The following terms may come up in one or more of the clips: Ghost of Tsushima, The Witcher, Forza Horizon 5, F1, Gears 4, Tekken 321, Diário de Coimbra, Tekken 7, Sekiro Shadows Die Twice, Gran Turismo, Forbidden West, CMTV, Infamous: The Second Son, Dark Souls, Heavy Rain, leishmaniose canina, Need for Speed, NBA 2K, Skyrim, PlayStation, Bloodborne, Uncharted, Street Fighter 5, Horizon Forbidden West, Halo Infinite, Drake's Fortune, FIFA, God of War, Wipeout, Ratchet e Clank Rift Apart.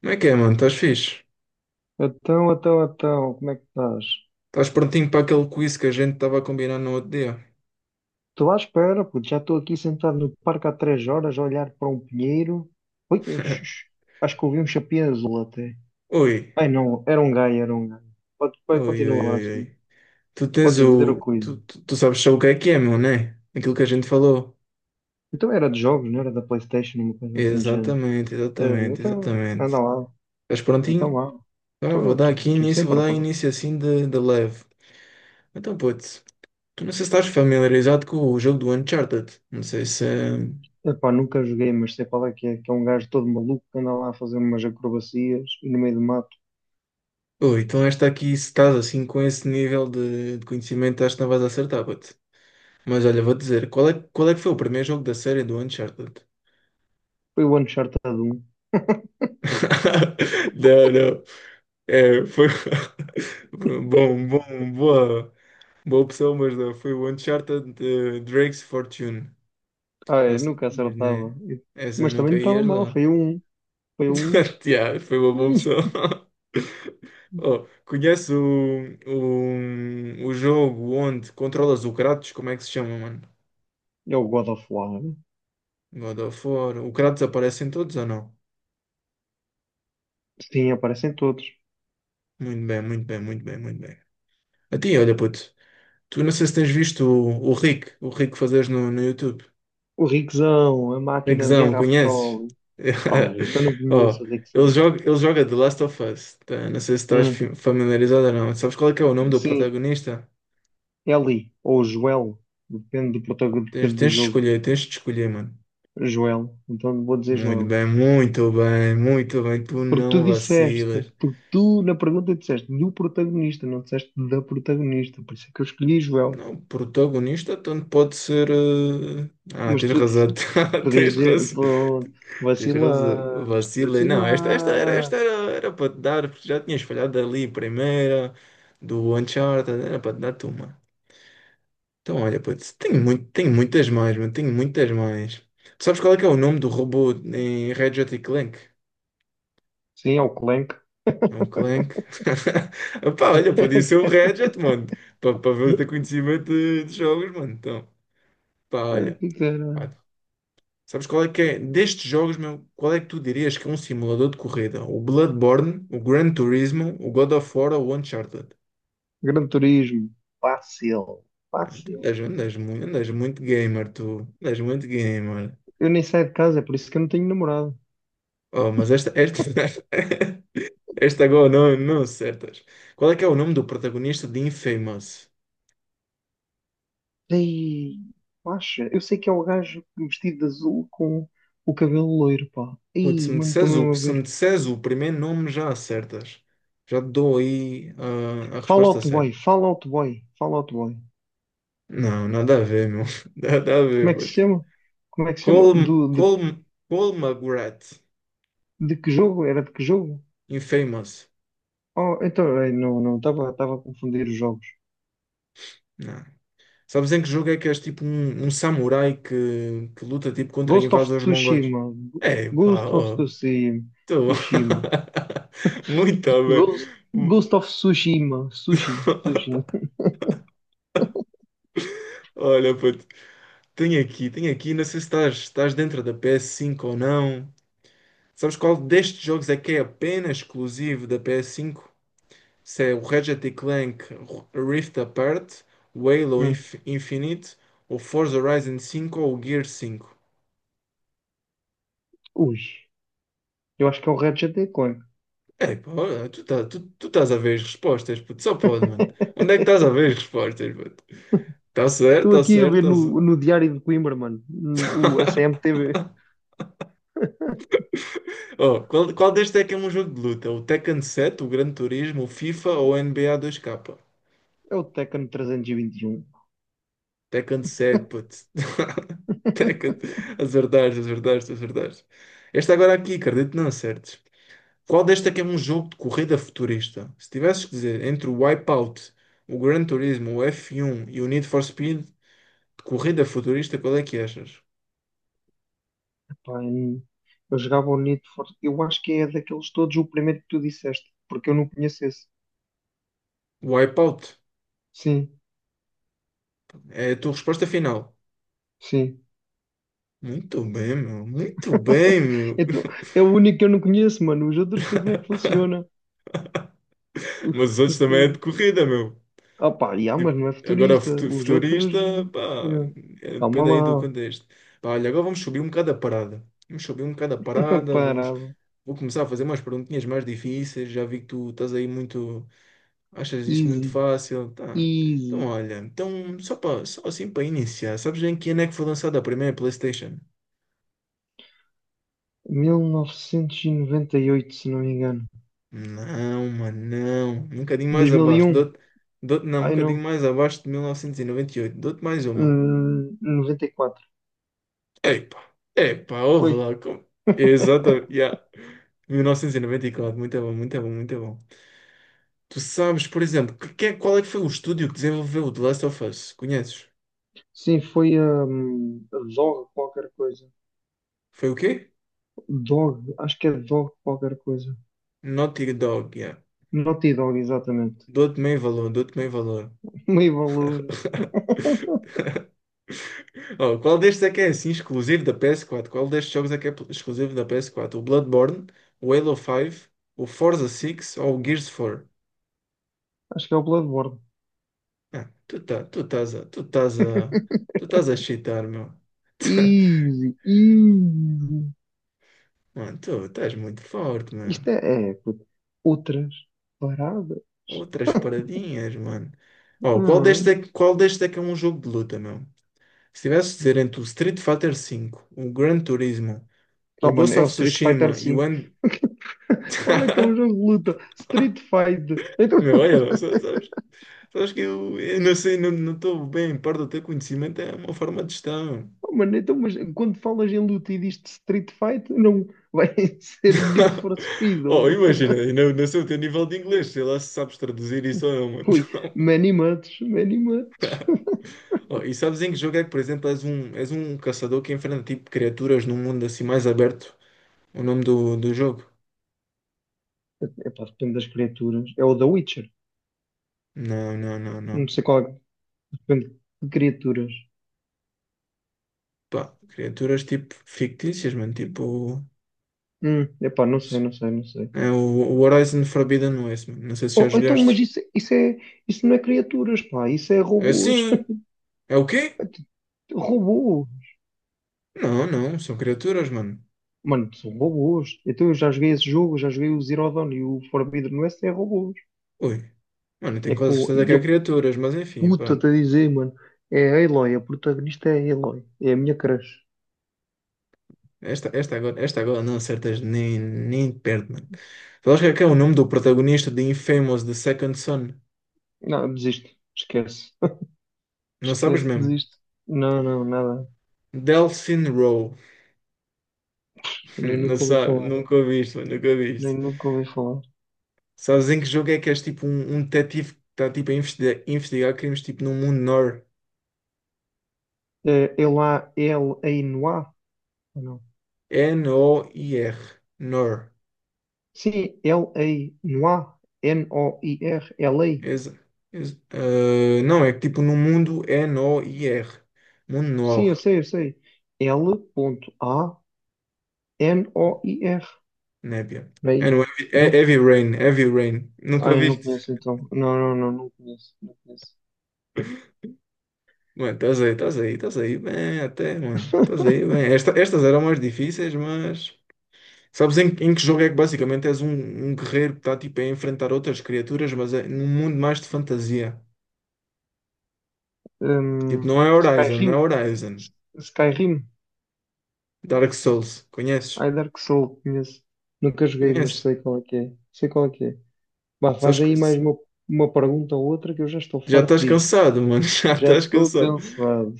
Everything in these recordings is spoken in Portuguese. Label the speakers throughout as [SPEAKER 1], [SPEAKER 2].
[SPEAKER 1] Como é que é, mano? Estás fixe?
[SPEAKER 2] Então, como é que estás?
[SPEAKER 1] Estás prontinho para aquele quiz que a gente estava a combinar no outro dia?
[SPEAKER 2] Estou à espera, puto. Já estou aqui sentado no parque há três horas a olhar para um pinheiro. Ui, xux, acho que ouvi um chapéu azul até.
[SPEAKER 1] Oi,
[SPEAKER 2] Ai não, era um gajo, era um gajo. Pode,
[SPEAKER 1] oi,
[SPEAKER 2] continua
[SPEAKER 1] oi,
[SPEAKER 2] lá
[SPEAKER 1] oi,
[SPEAKER 2] assim.
[SPEAKER 1] oi. Tu tens
[SPEAKER 2] Podes dizer o
[SPEAKER 1] o. Tu,
[SPEAKER 2] cuido.
[SPEAKER 1] tu, tu sabes só o que é, meu, né? Aquilo que a gente falou.
[SPEAKER 2] Então era de jogos, não era da PlayStation, uma coisa assim de género. Eh, então,
[SPEAKER 1] Exatamente.
[SPEAKER 2] anda lá.
[SPEAKER 1] Estás
[SPEAKER 2] Então
[SPEAKER 1] prontinho?
[SPEAKER 2] lá.
[SPEAKER 1] Tá,
[SPEAKER 2] Estou
[SPEAKER 1] vou
[SPEAKER 2] sempre
[SPEAKER 1] dar
[SPEAKER 2] pronto.
[SPEAKER 1] início assim de leve. Então, putz, tu não sei se estás familiarizado com o jogo do Uncharted. Não sei se.
[SPEAKER 2] Epá, nunca joguei, mas sei qual é que é. Que é um gajo todo maluco que anda lá a fazer umas acrobacias e no meio do mato.
[SPEAKER 1] Oi, então esta aqui, se estás assim com esse nível de conhecimento, acho que não vais acertar, putz. Mas olha, vou dizer, qual é que foi o primeiro jogo da série do Uncharted?
[SPEAKER 2] Foi o Uncharted um.
[SPEAKER 1] Não, não. É, foi bom, bom, boa, boa opção, mas não. Foi o Uncharted Drake's Fortune.
[SPEAKER 2] Ah, é,
[SPEAKER 1] Não
[SPEAKER 2] nunca
[SPEAKER 1] sabias,
[SPEAKER 2] acertava.
[SPEAKER 1] né? Essa
[SPEAKER 2] Mas também
[SPEAKER 1] nunca
[SPEAKER 2] não estava
[SPEAKER 1] ias
[SPEAKER 2] mal,
[SPEAKER 1] lá.
[SPEAKER 2] foi um.
[SPEAKER 1] Yeah, foi uma boa
[SPEAKER 2] Hum,
[SPEAKER 1] opção. Oh, conhece o jogo onde controlas o Kratos? Como é que se chama, mano?
[SPEAKER 2] É o God of War, né?
[SPEAKER 1] God of War. O Kratos aparece em todos ou não?
[SPEAKER 2] Sim, aparecem todos.
[SPEAKER 1] Muito bem. A ti, olha, puto, tu não sei se tens visto o Rick, o Rick fazes no YouTube.
[SPEAKER 2] O Rickzão, a máquina de
[SPEAKER 1] Rickzão,
[SPEAKER 2] guerra a
[SPEAKER 1] conheces?
[SPEAKER 2] petróleo. Ah, então não
[SPEAKER 1] Oh,
[SPEAKER 2] conheço o Rickzão.
[SPEAKER 1] ele joga The Last of Us. Tá. Não sei se estás
[SPEAKER 2] Hum,
[SPEAKER 1] familiarizado ou não. Sabes qual é que é o nome do
[SPEAKER 2] sim,
[SPEAKER 1] protagonista?
[SPEAKER 2] Eli, ou Joel, depende do protagonista, depende do jogo.
[SPEAKER 1] Tens de escolher, mano.
[SPEAKER 2] Joel, então vou dizer Joel.
[SPEAKER 1] Muito bem. Tu
[SPEAKER 2] Porque tu
[SPEAKER 1] não
[SPEAKER 2] disseste,
[SPEAKER 1] vacilas.
[SPEAKER 2] porque tu na pergunta disseste do protagonista, não disseste da protagonista, por isso é que eu escolhi Joel.
[SPEAKER 1] Não, protagonista tanto pode ser. Ah,
[SPEAKER 2] Mas
[SPEAKER 1] tens
[SPEAKER 2] tu
[SPEAKER 1] razão.
[SPEAKER 2] disse- podias
[SPEAKER 1] Tens
[SPEAKER 2] dizer,
[SPEAKER 1] razão.
[SPEAKER 2] pô,
[SPEAKER 1] Tens razão.
[SPEAKER 2] vacilaste,
[SPEAKER 1] Vacilei. Não, esta
[SPEAKER 2] vacilaste.
[SPEAKER 1] era, era para te dar, porque já tinhas falhado ali, primeira, do Uncharted, era para te dar tu uma. Então, olha, putz, tenho muitas mais, mano, tenho muitas mais. Tu sabes qual é que é o nome do robô em Ratchet e Clank?
[SPEAKER 2] Sim, é o Clank.
[SPEAKER 1] É um Clank. Pá, olha, podia ser o Ratchet, mano, para ver o teu conhecimento de jogos, mano. Então, pá,
[SPEAKER 2] O
[SPEAKER 1] olha.
[SPEAKER 2] que que era?
[SPEAKER 1] Sabes qual é que é? Destes jogos, meu, qual é que tu dirias que é um simulador de corrida? O Bloodborne, o Gran Turismo, o God of War ou o Uncharted?
[SPEAKER 2] Gran Turismo. Fácil,
[SPEAKER 1] Ah,
[SPEAKER 2] fácil.
[SPEAKER 1] andas muito gamer, tu. Andas muito gamer.
[SPEAKER 2] Eu nem saio de casa, é por isso que eu não tenho namorado.
[SPEAKER 1] Oh, mas esta agora não, não acertas. Qual é que é o nome do protagonista de Infamous?
[SPEAKER 2] Ei, acha? Eu sei que é o gajo vestido de azul com o cabelo loiro, pá.
[SPEAKER 1] Putz,
[SPEAKER 2] Ei, mano, estou mesmo a
[SPEAKER 1] se me
[SPEAKER 2] ver.
[SPEAKER 1] disseres o primeiro nome, já acertas. Já te dou aí a resposta
[SPEAKER 2] Fallout Boy,
[SPEAKER 1] certa.
[SPEAKER 2] Fallout Boy, Fallout Boy.
[SPEAKER 1] Não, nada a ver, meu. Nada a
[SPEAKER 2] Como
[SPEAKER 1] ver,
[SPEAKER 2] é que se
[SPEAKER 1] putz.
[SPEAKER 2] chama? Como é que se chama?
[SPEAKER 1] Colm, Colm, Colmagret,
[SPEAKER 2] De que jogo? Era de que jogo?
[SPEAKER 1] Infamous.
[SPEAKER 2] Oh, então, não, não, estava a confundir os jogos.
[SPEAKER 1] Não. Sabes em que jogo é que és tipo um, um samurai que luta tipo contra
[SPEAKER 2] Ghost of
[SPEAKER 1] invasores mongóis?
[SPEAKER 2] Tsushima.
[SPEAKER 1] É, pá,
[SPEAKER 2] Ghost of
[SPEAKER 1] oh,
[SPEAKER 2] Tsushima.
[SPEAKER 1] tu.
[SPEAKER 2] Tsushima.
[SPEAKER 1] Muito bem.
[SPEAKER 2] Ghost of Tsushima. Sushi. Sushi.
[SPEAKER 1] Olha, puto, tenho aqui, não sei se estás, estás dentro da PS5 ou não. Sabes qual destes jogos é que é apenas exclusivo da PS5? Se é o Ratchet e Clank Rift Apart, o Halo
[SPEAKER 2] Hum.
[SPEAKER 1] Infinite, o Forza Horizon cinco ou o Gear cinco.
[SPEAKER 2] Ui, eu acho que é um Ratchet and Clank.
[SPEAKER 1] É, pô, tu estás a ver as respostas, puto, só pode, mano. Onde é que estás a ver as respostas, puto?
[SPEAKER 2] Estou aqui a ver
[SPEAKER 1] Tá
[SPEAKER 2] no,
[SPEAKER 1] certo.
[SPEAKER 2] no Diário de Coimbra, mano. Hum. O, a CMTV.
[SPEAKER 1] Oh, qual deste é que é um jogo de luta? O Tekken 7, o Gran Turismo, o FIFA ou o NBA 2K?
[SPEAKER 2] É o Tekken 321.
[SPEAKER 1] Tekken 7, puto. Tekken. Acertaste. Este agora aqui, acredito, que não acertes. Qual deste é que é um jogo de corrida futurista? Se tivesses que dizer entre o Wipeout, o Gran Turismo, o F1 e o Need for Speed, de corrida futurista, qual é que achas?
[SPEAKER 2] Pá, eu jogava o Need for... Eu acho que é daqueles todos o primeiro que tu disseste, porque eu não conheço esse.
[SPEAKER 1] Wipeout
[SPEAKER 2] Sim,
[SPEAKER 1] é a tua resposta final.
[SPEAKER 2] sim.
[SPEAKER 1] Muito bem, meu. Muito bem, meu.
[SPEAKER 2] Então, é o único que eu não conheço, mano. Os outros sei como é que funciona.
[SPEAKER 1] Mas os outros também é de corrida, meu.
[SPEAKER 2] Ah pá, yeah, mas
[SPEAKER 1] Tipo,
[SPEAKER 2] não é
[SPEAKER 1] agora
[SPEAKER 2] futurista. Os outros.
[SPEAKER 1] futurista, pá,
[SPEAKER 2] Yeah.
[SPEAKER 1] é,
[SPEAKER 2] Calma
[SPEAKER 1] depende aí do
[SPEAKER 2] lá.
[SPEAKER 1] contexto. Pá, olha, agora vamos subir um bocado a parada. Vamos subir um bocado a parada, vamos...
[SPEAKER 2] Parado.
[SPEAKER 1] Vou começar a fazer umas perguntinhas mais difíceis. Já vi que tu estás aí muito. Achas isso muito
[SPEAKER 2] Easy.
[SPEAKER 1] fácil? Tá. Então,
[SPEAKER 2] Easy.
[SPEAKER 1] olha, então, só, para só assim para iniciar, sabes em que ano é que foi lançada a primeira PlayStation?
[SPEAKER 2] 1998, se não me engano.
[SPEAKER 1] Não, mano, não. Um bocadinho mais abaixo.
[SPEAKER 2] 2001.
[SPEAKER 1] Não, um
[SPEAKER 2] Ai
[SPEAKER 1] bocadinho
[SPEAKER 2] não.
[SPEAKER 1] mais abaixo de 1998. Dou-te mais uma.
[SPEAKER 2] 94.
[SPEAKER 1] Epa, epa, ouve
[SPEAKER 2] Foi.
[SPEAKER 1] lá. Como... Exato, yeah. 1994, muito bom. Tu sabes, por exemplo, qual é que foi o estúdio que desenvolveu o The Last of Us? Conheces?
[SPEAKER 2] Sim, foi a Dog qualquer coisa.
[SPEAKER 1] Foi o quê?
[SPEAKER 2] Dog. Acho que é Dog qualquer coisa.
[SPEAKER 1] Naughty Dog, yeah.
[SPEAKER 2] Naughty Dog, exatamente.
[SPEAKER 1] Dou-te meio valor, dou-te meio valor.
[SPEAKER 2] Meio valor.
[SPEAKER 1] Oh, qual destes é que é assim exclusivo da PS4? Qual destes jogos é que é exclusivo da PS4? O Bloodborne, o Halo 5, o Forza 6 ou o Gears 4?
[SPEAKER 2] Acho que é o Bloodborne.
[SPEAKER 1] Ah, tu tá, tu estás a, tu estás a, tu estás a cheatar, meu.
[SPEAKER 2] Easy, easy.
[SPEAKER 1] Mano, tu estás muito forte, meu.
[SPEAKER 2] Isto é, puto, outras paradas.
[SPEAKER 1] Outras paradinhas, mano. Oh,
[SPEAKER 2] Hum.
[SPEAKER 1] qual destes é que é um jogo de luta, meu? Se tivesse de dizer entre o Street Fighter cinco, o Gran Turismo, o
[SPEAKER 2] Tá, mano,
[SPEAKER 1] Ghost
[SPEAKER 2] é o
[SPEAKER 1] of
[SPEAKER 2] Street Fighter
[SPEAKER 1] Tsushima e o
[SPEAKER 2] 5. Qual é que é um jogo de luta? Street Fight. Então,
[SPEAKER 1] meu, olha, sabes, sabes que eu não sei, não estou bem, perto do teu conhecimento é uma forma de gestão.
[SPEAKER 2] oh, mano, então, mas quando falas em luta e dizes Street Fight, não vai ser o Need for Speed.
[SPEAKER 1] Oh,
[SPEAKER 2] Ou-
[SPEAKER 1] imagina, eu não, não sei o teu nível de inglês, sei lá se sabes traduzir isso ou não, mano.
[SPEAKER 2] Ui, many much, many much.
[SPEAKER 1] Oh, e sabes em que jogo é que, por exemplo, és um caçador que enfrenta tipo criaturas num mundo assim mais aberto? O nome do jogo?
[SPEAKER 2] Epá, depende das criaturas. É o The Witcher. Não
[SPEAKER 1] Não.
[SPEAKER 2] sei qual é. Depende de criaturas.
[SPEAKER 1] Pá, criaturas tipo fictícias, mano, tipo.
[SPEAKER 2] Não sei, não sei, não sei.
[SPEAKER 1] É o Horizon Forbidden West, mano. Não sei se já
[SPEAKER 2] Oh, então, mas
[SPEAKER 1] jogaste.
[SPEAKER 2] isso não é criaturas, pá, isso é
[SPEAKER 1] É
[SPEAKER 2] robôs.
[SPEAKER 1] sim! É o quê?
[SPEAKER 2] Robôs.
[SPEAKER 1] Não, não, são criaturas, mano.
[SPEAKER 2] Mano, são robôs. Então eu já joguei esse jogo, já joguei o Zero Dawn e o Forbidden West é robôs.
[SPEAKER 1] Ui. Mano, eu
[SPEAKER 2] É
[SPEAKER 1] tenho quase
[SPEAKER 2] com.
[SPEAKER 1] certeza que
[SPEAKER 2] E a
[SPEAKER 1] há criaturas, mas enfim,
[SPEAKER 2] puta
[SPEAKER 1] pronto.
[SPEAKER 2] a dizer, mano. É a Aloy, a protagonista é a Aloy. É a minha crush.
[SPEAKER 1] Esta agora não acertas nem, nem perto, mano. Sabes que é o nome do protagonista de Infamous, The Second Son?
[SPEAKER 2] Não, desisto. Esquece.
[SPEAKER 1] Não sabes
[SPEAKER 2] Esquece,
[SPEAKER 1] mesmo?
[SPEAKER 2] desisto. Não, não, nada.
[SPEAKER 1] Delphine Rowe.
[SPEAKER 2] Nem
[SPEAKER 1] Não
[SPEAKER 2] nunca ouvi
[SPEAKER 1] sabes,
[SPEAKER 2] falar.
[SPEAKER 1] nunca ouviste, mano, nunca ouviste.
[SPEAKER 2] Nem nunca ouvi falar.
[SPEAKER 1] Sabes em que jogo é que és tipo um, um detetive que está tipo a investigar, investigar crimes tipo no mundo Nor.
[SPEAKER 2] É Ela, El, Ainhoa?
[SPEAKER 1] N-O-I-R. Nor.
[SPEAKER 2] Sim, L-A, Noir, N-O-I-R, l a.
[SPEAKER 1] Exa, não, é que tipo no mundo N-O-I-R. Mundo
[SPEAKER 2] Sim, eu
[SPEAKER 1] Noir,
[SPEAKER 2] sei, eu sei. L a n o i r.
[SPEAKER 1] népia. É
[SPEAKER 2] Bem,
[SPEAKER 1] no Heavy, é
[SPEAKER 2] não?
[SPEAKER 1] Heavy Rain, Heavy Rain. Nunca
[SPEAKER 2] Ai, não
[SPEAKER 1] viste?
[SPEAKER 2] conheço então. Não, não, não, não conheço, não conheço.
[SPEAKER 1] Mano, estás aí bem até, mano. Estás aí bem. Estas eram mais difíceis, mas... Sabes em, em que jogo é que basicamente um guerreiro que está tipo a enfrentar outras criaturas, mas é num mundo mais de fantasia. Tipo, não é Horizon, não é
[SPEAKER 2] Skyrim,
[SPEAKER 1] Horizon.
[SPEAKER 2] Skyrim.
[SPEAKER 1] Dark Souls, conheces?
[SPEAKER 2] Ai, Dark Souls, conheço. Nunca joguei, mas
[SPEAKER 1] Conheces?
[SPEAKER 2] sei qual é que é. Sei qual é que é. Bah, faz aí mais
[SPEAKER 1] Sabes,
[SPEAKER 2] uma pergunta ou outra que eu já estou
[SPEAKER 1] já
[SPEAKER 2] farto
[SPEAKER 1] estás
[SPEAKER 2] disto.
[SPEAKER 1] cansado, mano. Já
[SPEAKER 2] Já
[SPEAKER 1] estás
[SPEAKER 2] estou
[SPEAKER 1] cansado.
[SPEAKER 2] cansado.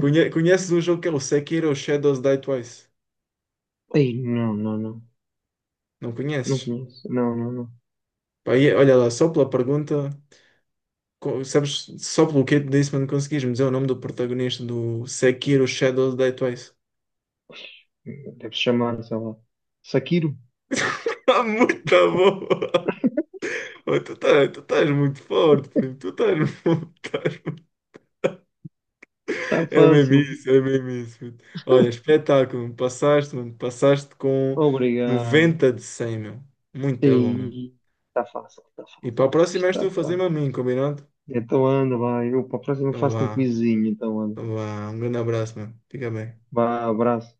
[SPEAKER 1] Conheces um jogo que é o Sekiro Shadows Die Twice?
[SPEAKER 2] Ai, não, não, não.
[SPEAKER 1] Não
[SPEAKER 2] Não
[SPEAKER 1] conheces?
[SPEAKER 2] conheço. Não, não, não.
[SPEAKER 1] Pá, e olha lá, só pela pergunta, sabes, só pelo que eu te disse, mano, conseguiste-me dizer o nome do protagonista do Sekiro Shadows Die Twice.
[SPEAKER 2] Deve chamar, sei lá. Sakiro?
[SPEAKER 1] Tá muito bom! Oh, tu estás muito forte, primo. Tu estás, muito. estás
[SPEAKER 2] Está
[SPEAKER 1] é mesmo
[SPEAKER 2] fácil.
[SPEAKER 1] isso, é mesmo isso, puto. Olha, espetáculo. Passaste, mano, passaste com
[SPEAKER 2] Obrigado.
[SPEAKER 1] 90 de 100, meu. Muito bom, meu.
[SPEAKER 2] Sim. Está fácil, está fácil.
[SPEAKER 1] E para a próxima és tu
[SPEAKER 2] Está
[SPEAKER 1] a fazer-me
[SPEAKER 2] fácil.
[SPEAKER 1] a mim, combinado?
[SPEAKER 2] Então anda, vai. Eu para a próxima
[SPEAKER 1] Então
[SPEAKER 2] faço um
[SPEAKER 1] vá.
[SPEAKER 2] quizinho, então anda.
[SPEAKER 1] Então vá. Um grande abraço, mano. Fica bem.
[SPEAKER 2] Vá, abraço.